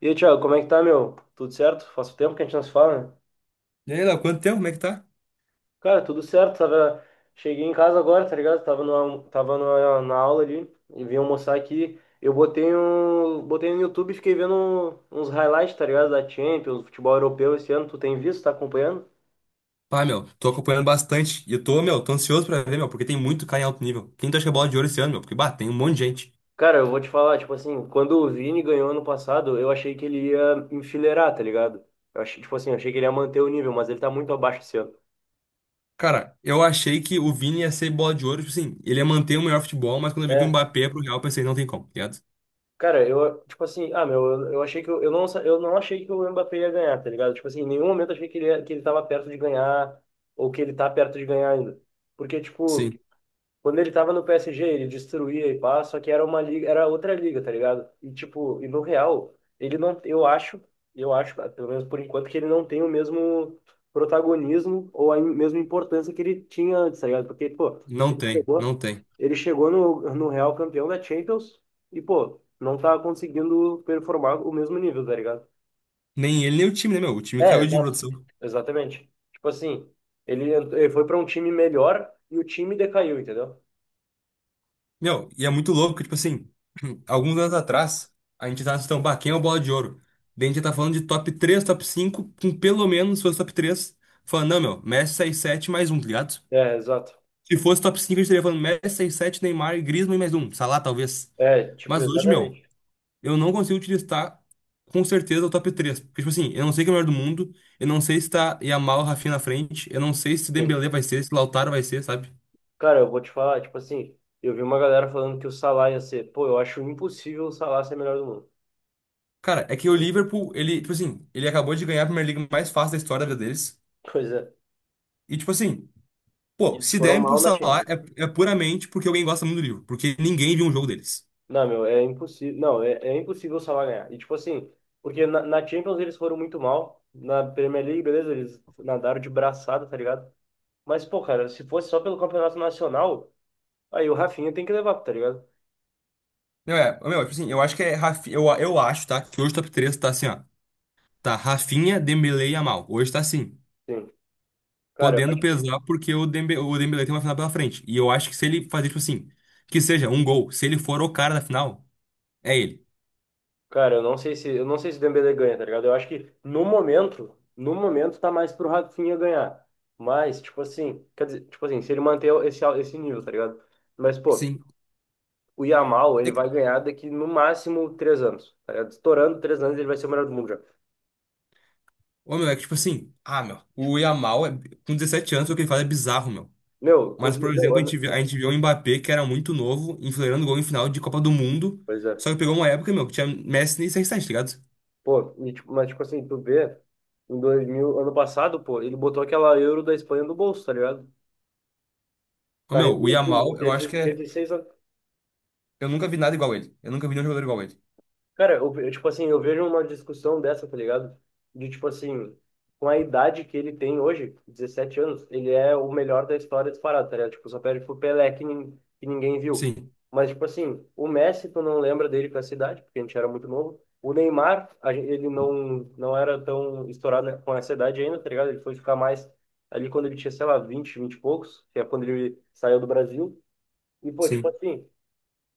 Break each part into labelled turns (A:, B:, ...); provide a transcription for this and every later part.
A: E aí, Thiago, como é que tá, meu? Tudo certo? Faz tempo que a gente não se fala, né?
B: E aí, Léo, quanto tempo? Como é que tá?
A: Cara, tudo certo. Cheguei em casa agora, tá ligado? Tava na aula ali e vim almoçar aqui. Eu botei no YouTube e fiquei vendo uns highlights, tá ligado? Da Champions, futebol europeu esse ano. Tu tem visto? Tá acompanhando?
B: Pá, meu, tô acompanhando bastante. E eu tô, meu, tô ansioso pra ver, meu, porque tem muito cara em alto nível. Quem tu acha que é bola de ouro esse ano, meu? Porque, bah, tem um monte de gente.
A: Cara, eu vou te falar, tipo assim, quando o Vini ganhou ano passado, eu achei que ele ia enfileirar, tá ligado? Eu achei, tipo assim, eu achei que ele ia manter o nível, mas ele tá muito abaixo esse ano.
B: Cara, eu achei que o Vini ia ser bola de ouro, tipo assim, ele ia manter o melhor futebol, mas quando eu vi que o
A: É.
B: Mbappé ia pro Real, eu pensei, não tem como, tá ligado?
A: Cara, eu, tipo assim, ah, meu, eu achei que eu não achei que o Mbappé ia ganhar, tá ligado? Tipo assim, em nenhum momento eu achei que ele tava perto de ganhar ou que ele tá perto de ganhar ainda. Porque, tipo,
B: Sim,
A: quando ele tava no PSG, ele destruía e pá, só que era uma liga, era outra liga, tá ligado? E, tipo, no Real, ele não, eu acho, pelo menos por enquanto, que ele não tem o mesmo protagonismo ou a mesma importância que ele tinha antes, tá ligado? Porque, pô,
B: não
A: ele
B: tem,
A: chegou,
B: não tem.
A: ele chegou no Real campeão da Champions e, pô, não tá conseguindo performar o mesmo nível, tá ligado?
B: Nem ele, nem o time, né, meu? O time
A: É,
B: caiu de
A: exato.
B: produção.
A: Exatamente. Tipo assim, ele foi pra um time melhor e o time decaiu, entendeu?
B: Meu, e é muito louco, tipo assim. Alguns anos atrás, a gente tava assistindo, bah, quem é o Bola de Ouro? Daí a gente tá falando de top três, top cinco. Com pelo menos, se fosse top três, falando, não, meu, Messi, seis, sete, mais um, tá ligado?
A: É, exato.
B: Se fosse top cinco, a gente estaria falando Messi, seis, sete, Neymar e Griezmann e mais um, Salah talvez.
A: É, tipo,
B: Mas hoje, meu,
A: exatamente.
B: eu não consigo te listar com certeza o top três. Porque, tipo assim, eu não sei quem é o melhor do mundo, eu não sei se tá Yamal, Rafinha na frente, eu não sei se
A: Sim.
B: Dembélé vai ser, se Lautaro vai ser, sabe?
A: Cara, eu vou te falar, tipo assim, eu vi uma galera falando que o Salah ia ser, pô, eu acho impossível o Salah ser melhor do mundo.
B: Cara, é que o Liverpool, ele, tipo assim, ele acabou de ganhar a Premier League mais fácil da história da vida deles.
A: Pois é.
B: E, tipo assim,
A: E
B: pô,
A: eles
B: se
A: foram
B: derem por
A: mal na
B: Salah
A: Champions.
B: é puramente porque alguém gosta muito do livro, porque ninguém viu um jogo deles.
A: Não, meu, é impossível. Não, é impossível o Salah ganhar. E tipo assim, porque na Champions eles foram muito mal. Na Premier League, beleza, eles nadaram de braçada, tá ligado? Mas, pô, cara, se fosse só pelo Campeonato Nacional, aí o Rafinha tem que levar, tá ligado?
B: Não é, meu, tipo assim, eu acho que é Rafinha, eu acho, tá? Que hoje o top 3 tá assim, ó. Tá Rafinha, Dembélé e Yamal. Hoje tá assim,
A: Sim. Cara, eu
B: podendo
A: acho que
B: pesar porque o Dembélé tem uma final pela frente. E eu acho que se ele fazer, tipo assim, que seja um gol, se ele for o cara da final, é ele.
A: Cara, eu não sei se o Dembélé ganha, tá ligado? Eu acho que no momento tá mais pro Rafinha ganhar. Mas, tipo assim, quer dizer, tipo assim, se ele manter esse nível, tá ligado? Mas, pô,
B: Sim.
A: o Yamal,
B: É,
A: ele vai
B: que-
A: ganhar daqui no máximo 3 anos, tá ligado? Estourando 3 anos, ele vai ser o melhor do mundo já.
B: ô, meu, é que, tipo assim, ah, meu, o Yamal, é, com 17 anos, o que ele faz é bizarro, meu.
A: Meu, com
B: Mas, por exemplo,
A: 19
B: a gente
A: anos.
B: viu, a gente viu o Mbappé, que era muito novo, enfileirando gol em final de Copa do Mundo.
A: Pois é.
B: Só que pegou uma época, meu, que tinha Messi e CR7, tá ligado?
A: Pô, e, tipo, mas, tipo assim, tu vê, em 2000 ano passado, pô, ele botou aquela Euro da Espanha no bolso, tá ligado?
B: Ô,
A: Tá
B: meu, o Yamal,
A: reduzindo,
B: eu acho que
A: tinha
B: é.
A: 16 anos.
B: Eu nunca vi nada igual a ele. Eu nunca vi nenhum jogador igual a ele.
A: Cara, eu, tipo assim, eu vejo uma discussão dessa, tá ligado? De, tipo assim, com a idade que ele tem hoje, 17 anos, ele é o melhor da história disparado, tá ligado? Tipo, só perde pro Pelé, que ninguém viu.
B: Sim,
A: Mas, tipo assim, o Messi, tu não lembra dele com essa idade, porque a gente era muito novo. O Neymar, ele não era tão estourado, né, com essa idade ainda, tá ligado? Ele foi ficar mais ali quando ele tinha, sei lá, 20 20 e poucos, que é quando ele saiu do Brasil. E, pô, tipo
B: sim.
A: assim...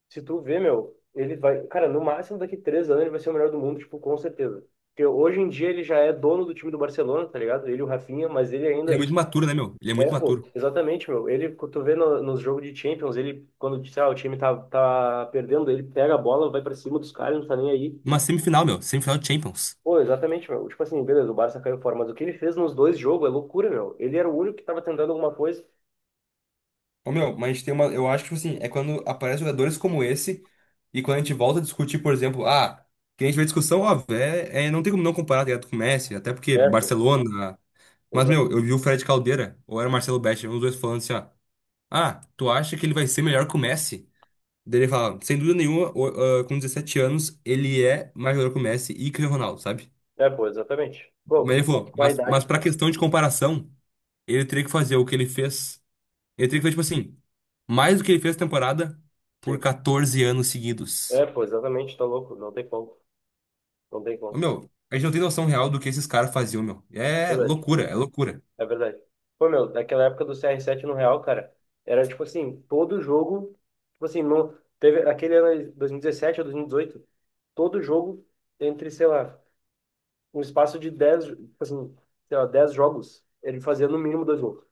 A: Se tu vê, meu, ele vai. Cara, no máximo daqui 3 anos ele vai ser o melhor do mundo, tipo, com certeza. Porque hoje em dia ele já é dono do time do Barcelona, tá ligado? Ele e o Rafinha, mas ele
B: Ele é
A: ainda.
B: muito maturo, né, meu? Ele é
A: É,
B: muito
A: pô,
B: maturo.
A: exatamente, meu. Ele, quando tu vê no, nos jogos de Champions, ele, quando, sei lá, o time tá perdendo, ele pega a bola, vai pra cima dos caras, não tá nem aí.
B: Uma semifinal, meu. Semifinal de Champions.
A: Pô, exatamente, meu. Tipo assim, beleza, o Barça caiu fora, mas o que ele fez nos dois jogos é loucura, meu. Ele era o único que tava tentando alguma coisa.
B: Ô, meu, mas tem uma. Eu acho que, tipo assim, é quando aparecem jogadores como esse e quando a gente volta a discutir, por exemplo, ah, que a gente vê discussão, ó, é, não tem como não comparar, tá ligado, com o Messi, até porque
A: É, pô,
B: Barcelona. Mas,
A: exa...
B: meu, eu vi o Fred Caldeira, ou era o Marcelo Betti, os dois falando assim, ó. Ah, tu acha que ele vai ser melhor que o Messi? Daí ele fala, sem dúvida nenhuma, com 17 anos, ele é mais melhor que o Messi e que o Ronaldo, sabe?
A: É, pô, exatamente.
B: Mas
A: Pô,
B: ele falou,
A: com a
B: mas,
A: idade,
B: mas pra
A: pô.
B: questão de comparação, ele teria que fazer o que ele fez. Ele teria que fazer, tipo assim, mais do que ele fez na temporada por
A: Sim.
B: 14 anos seguidos.
A: É, pô, exatamente, tá louco, não tem como, não tem
B: Ô,
A: como,
B: meu, a gente não tem noção real do que esses caras faziam, meu.
A: é
B: É
A: verdade,
B: loucura, é loucura.
A: é verdade. Pô, meu, daquela época do CR7 no Real, cara, era tipo assim, todo jogo, tipo assim, não, teve aquele ano de 2017 ou 2018, todo jogo entre, sei lá, um espaço de 10, tipo assim, sei lá, 10 jogos, ele fazia no mínimo dois gols.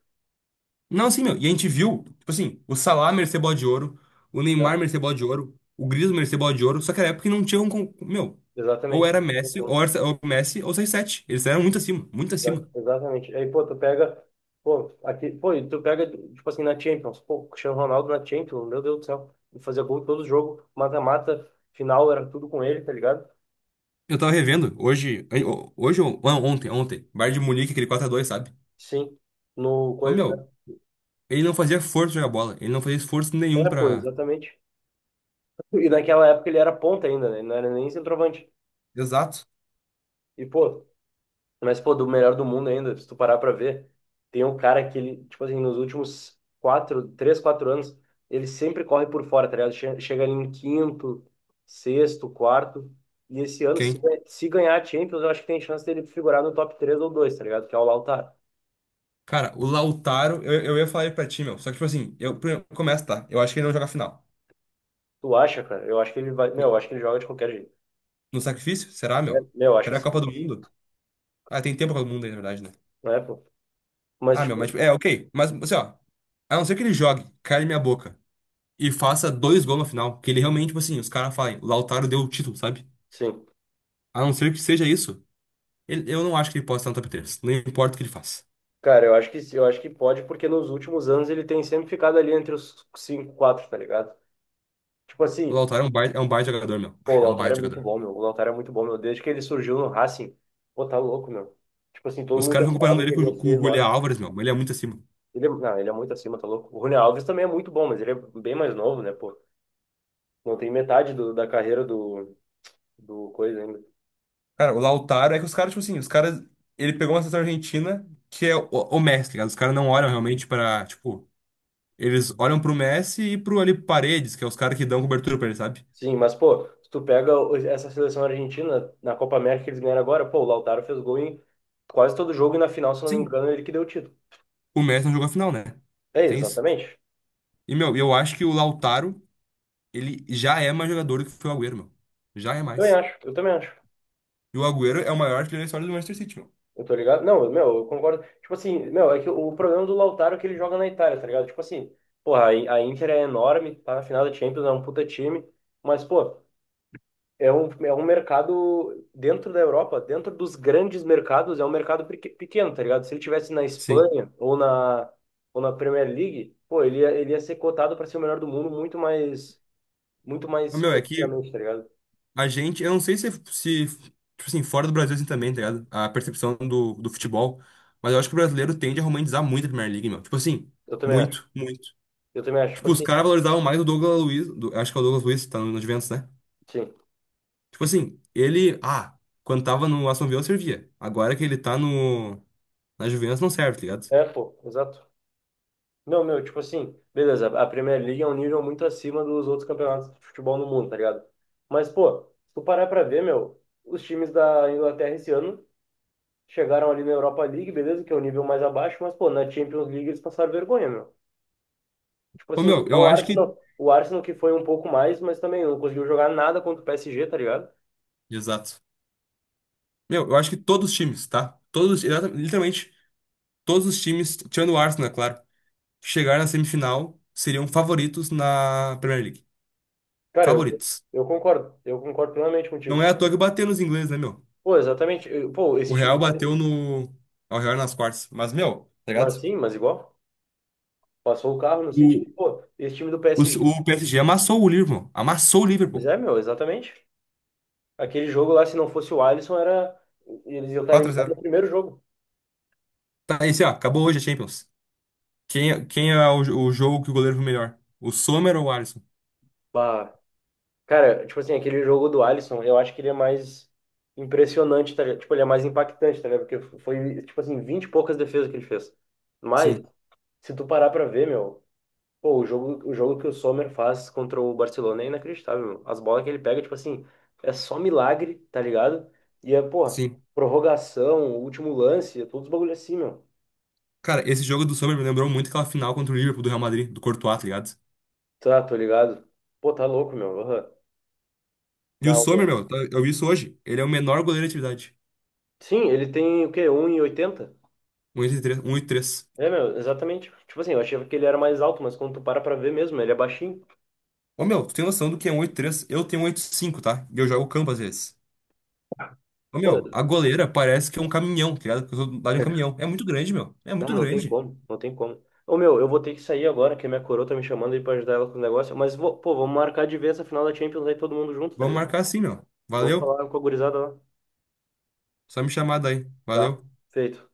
B: Não, assim, meu, e a gente viu, tipo assim, o Salah merecer bola de ouro, o
A: É,
B: Neymar merecer bola de ouro, o Griezmann merecer bola de ouro, só que era época que não tinha um, meu, ou era
A: exatamente, não tem
B: Messi, ou
A: como.
B: era ou Messi, ou 6-7, eles eram muito acima, muito acima.
A: Exatamente. Aí, pô, tu pega. Pô, aqui, pô, e tu pega, tipo assim, na Champions. Pô, Cristiano Ronaldo na Champions, meu Deus do céu. Ele fazia gol em todo jogo, mata-mata, final era tudo com ele, tá ligado?
B: Eu tava revendo, hoje, não, ontem, Bayern de Munique, aquele 4 a 2, sabe?
A: Sim. No
B: Ô,
A: coisa.
B: meu, ele não fazia força jogar bola, ele não fazia esforço nenhum
A: É, pô,
B: pra...
A: exatamente. E naquela época ele era ponta ainda, né? Ele não era nem centroavante.
B: Exato.
A: E, pô, Mas, pô, do melhor do mundo ainda, se tu parar pra ver, tem um cara que ele, tipo assim, nos últimos quatro, três, quatro anos, ele sempre corre por fora, tá ligado? Chega ali em quinto, sexto, quarto. E esse ano, se,
B: Quem?
A: ganha- se ganhar a Champions, eu acho que tem chance dele figurar no top 3 ou 2, tá ligado? Que é o Lautaro.
B: Cara, o Lautaro, eu ia falar ele pra ti, meu, só que, tipo assim, eu, primeiro, começa, tá, eu acho que ele não joga a final.
A: Tu acha, cara? Eu acho que ele vai. Meu, eu acho que ele joga de qualquer jeito.
B: No sacrifício? Será,
A: É,
B: meu?
A: meu, eu acho que
B: Será a Copa do
A: sim.
B: Mundo? Ah, tem tempo pra todo mundo aí, na verdade, né?
A: Não é, pô? Mas,
B: Ah, meu, mas
A: tipo,
B: tipo, é, ok. Mas, assim, ó, a não ser que ele jogue, caia na minha boca e faça dois gols no final, que ele realmente, tipo assim, os caras falem, o Lautaro deu o título, sabe?
A: sim.
B: A não ser que seja isso, eu não acho que ele possa estar no top 3, não importa o que ele faça.
A: Cara, eu acho que pode, porque nos últimos anos ele tem sempre ficado ali entre os cinco, quatro, tá ligado? Tipo
B: O
A: assim.
B: Lautaro é um baita jogador, meu.
A: Pô,
B: Ah,
A: o
B: é um
A: Lautaro é
B: baita
A: muito
B: jogador.
A: bom, meu. O Lautaro é muito bom, meu. Desde que ele surgiu no Racing, pô, tá louco, meu. Tipo assim, todo
B: Os
A: mundo
B: caras
A: já
B: ficam comparando
A: falava
B: ele
A: que
B: com, o
A: ele ia
B: Ju- com
A: ser
B: o Julián
A: enorme.
B: Álvares, meu, mas ele é muito acima.
A: Não, ele é muito acima, tá louco. O Rony Alves também é muito bom, mas ele é bem mais novo, né, pô. Não tem metade da carreira do coisa ainda.
B: Cara, o Lautaro é que os caras, tipo assim, os caras. Ele pegou uma seleção argentina que é o Messi, tá ligado? Os caras não olham realmente pra, tipo. Eles olham pro Messi e pro ali Paredes, que é os caras que dão cobertura pra ele, sabe?
A: Sim, mas, pô, se tu pega essa seleção argentina na Copa América que eles ganharam agora, pô, o Lautaro fez gol em quase todo jogo e na final, se não me
B: Sim.
A: engano, ele que deu o título.
B: O Messi não jogou a final, né?
A: É,
B: Tem isso.
A: exatamente.
B: E, meu, eu acho que o Lautaro, ele já é mais jogador do que foi o Agüero, meu. Já é
A: Eu também
B: mais.
A: acho, eu também acho.
B: E o Agüero é o maior artilheiro da história do Manchester City, meu.
A: Eu tô ligado? Não, meu, eu concordo. Tipo assim, meu, é que o problema do Lautaro é que ele joga na Itália, tá ligado? Tipo assim, porra, a Inter é enorme, tá na final da Champions, é um puta time, mas, pô, é um mercado dentro da Europa, dentro dos grandes mercados, é um mercado pequeno, tá ligado? Se ele tivesse na
B: Sim.
A: Espanha ou na Premier League, pô, ele ia ser cotado pra ser o melhor do mundo muito
B: Mas,
A: mais
B: meu, é que
A: completamente, tá ligado?
B: a gente, eu não sei se, tipo assim, fora do Brasil assim também, tá ligado? A percepção do futebol. Mas eu acho que o brasileiro tende a romantizar muito a Premier League, meu. Tipo assim,
A: Eu também acho.
B: muito, muito.
A: Eu também acho, tipo
B: Tipo, os
A: assim,
B: caras valorizavam mais o Douglas Luiz, acho que é o Douglas Luiz, tá no Juventus, né?
A: sim.
B: Tipo assim, ele. Ah, quando tava no Aston Villa servia. Agora que ele tá no. Na Juventus não serve, tá ligado?
A: É, pô, exato. Não, meu, tipo assim, beleza, a Premier League é um nível muito acima dos outros campeonatos de futebol no mundo, tá ligado? Mas, pô, se tu parar pra ver, meu, os times da Inglaterra esse ano chegaram ali na Europa League, beleza, que é o nível mais abaixo, mas, pô, na Champions League eles passaram vergonha, meu. Tipo
B: Ô,
A: assim,
B: meu,
A: só
B: eu
A: o
B: acho que.
A: Arsenal, o Arsenal que foi um pouco mais, mas também não conseguiu jogar nada contra o PSG, tá ligado?
B: Exato. Meu, eu acho que todos os times, tá? Todos, literalmente, todos os times, tirando o Arsenal, é claro, que chegaram na semifinal seriam favoritos na Premier League.
A: Cara, eu,
B: Favoritos.
A: eu concordo, eu concordo plenamente
B: Não
A: contigo.
B: é à toa que bateu nos ingleses, né, meu?
A: Pô, exatamente, pô,
B: O
A: esse time,
B: Real bateu no. ah, O Real nas quartas. Mas, meu, tá
A: mas
B: ligado?
A: sim, mas igual, passou o carro no
B: O,
A: City, pô, esse time do
B: o,
A: PSG.
B: o PSG amassou o Liverpool. Amassou o
A: Pois
B: Liverpool.
A: é, meu, exatamente. Aquele jogo lá, se não fosse o Alisson, era. Eles iam estar
B: quatro x
A: eliminados no
B: 0
A: primeiro jogo.
B: Tá, esse, ó, acabou hoje a Champions. Quem é o jogo que o goleiro foi melhor? O Sommer ou o Alisson?
A: Bah. Cara, tipo assim, aquele jogo do Alisson, eu acho que ele é mais impressionante, tá ligado? Tipo, ele é mais impactante, tá ligado? Porque foi, tipo assim, 20 e poucas defesas que ele fez. Mas,
B: Sim,
A: se tu parar pra ver, meu, pô, o jogo que o Sommer faz contra o Barcelona é inacreditável, meu. As bolas que ele pega, tipo assim, é só milagre, tá ligado? E é, pô,
B: sim.
A: prorrogação, último lance, é todos os bagulho assim, meu.
B: Cara, esse jogo do Sommer me lembrou muito aquela final contra o Liverpool do Real Madrid, do Courtois, tá ligado?
A: Tá, tô ligado. Pô, tá louco, meu. Aham.
B: E o
A: Não,
B: Sommer,
A: meu.
B: meu, eu vi isso hoje. Ele é o menor goleiro de atividade.
A: Sim, ele tem o quê? 1,80.
B: Um vírgula oitenta e três.
A: É, meu, exatamente. Tipo assim, eu achava que ele era mais alto, mas quando tu para pra ver mesmo, ele é baixinho.
B: Ô, meu, tu tem noção do que é 1,83? Eu tenho 1,85, tá? E eu jogo campo às vezes. Ô,
A: Pô,
B: meu, a goleira parece que é um caminhão, tá ligado? Que eu sou do de um caminhão. É muito grande, meu. É
A: não,
B: muito
A: não tem
B: grande.
A: como, não tem como. Ô, meu, eu vou ter que sair agora, que a minha coroa tá me chamando aí pra ajudar ela com o negócio. Mas, pô, vamos marcar de ver essa final da Champions aí todo mundo junto, tá
B: Vamos
A: ligado?
B: marcar assim, meu.
A: Vamos
B: Valeu.
A: falar com a gurizada lá.
B: Só me chamar daí.
A: Tá,
B: Valeu.
A: feito.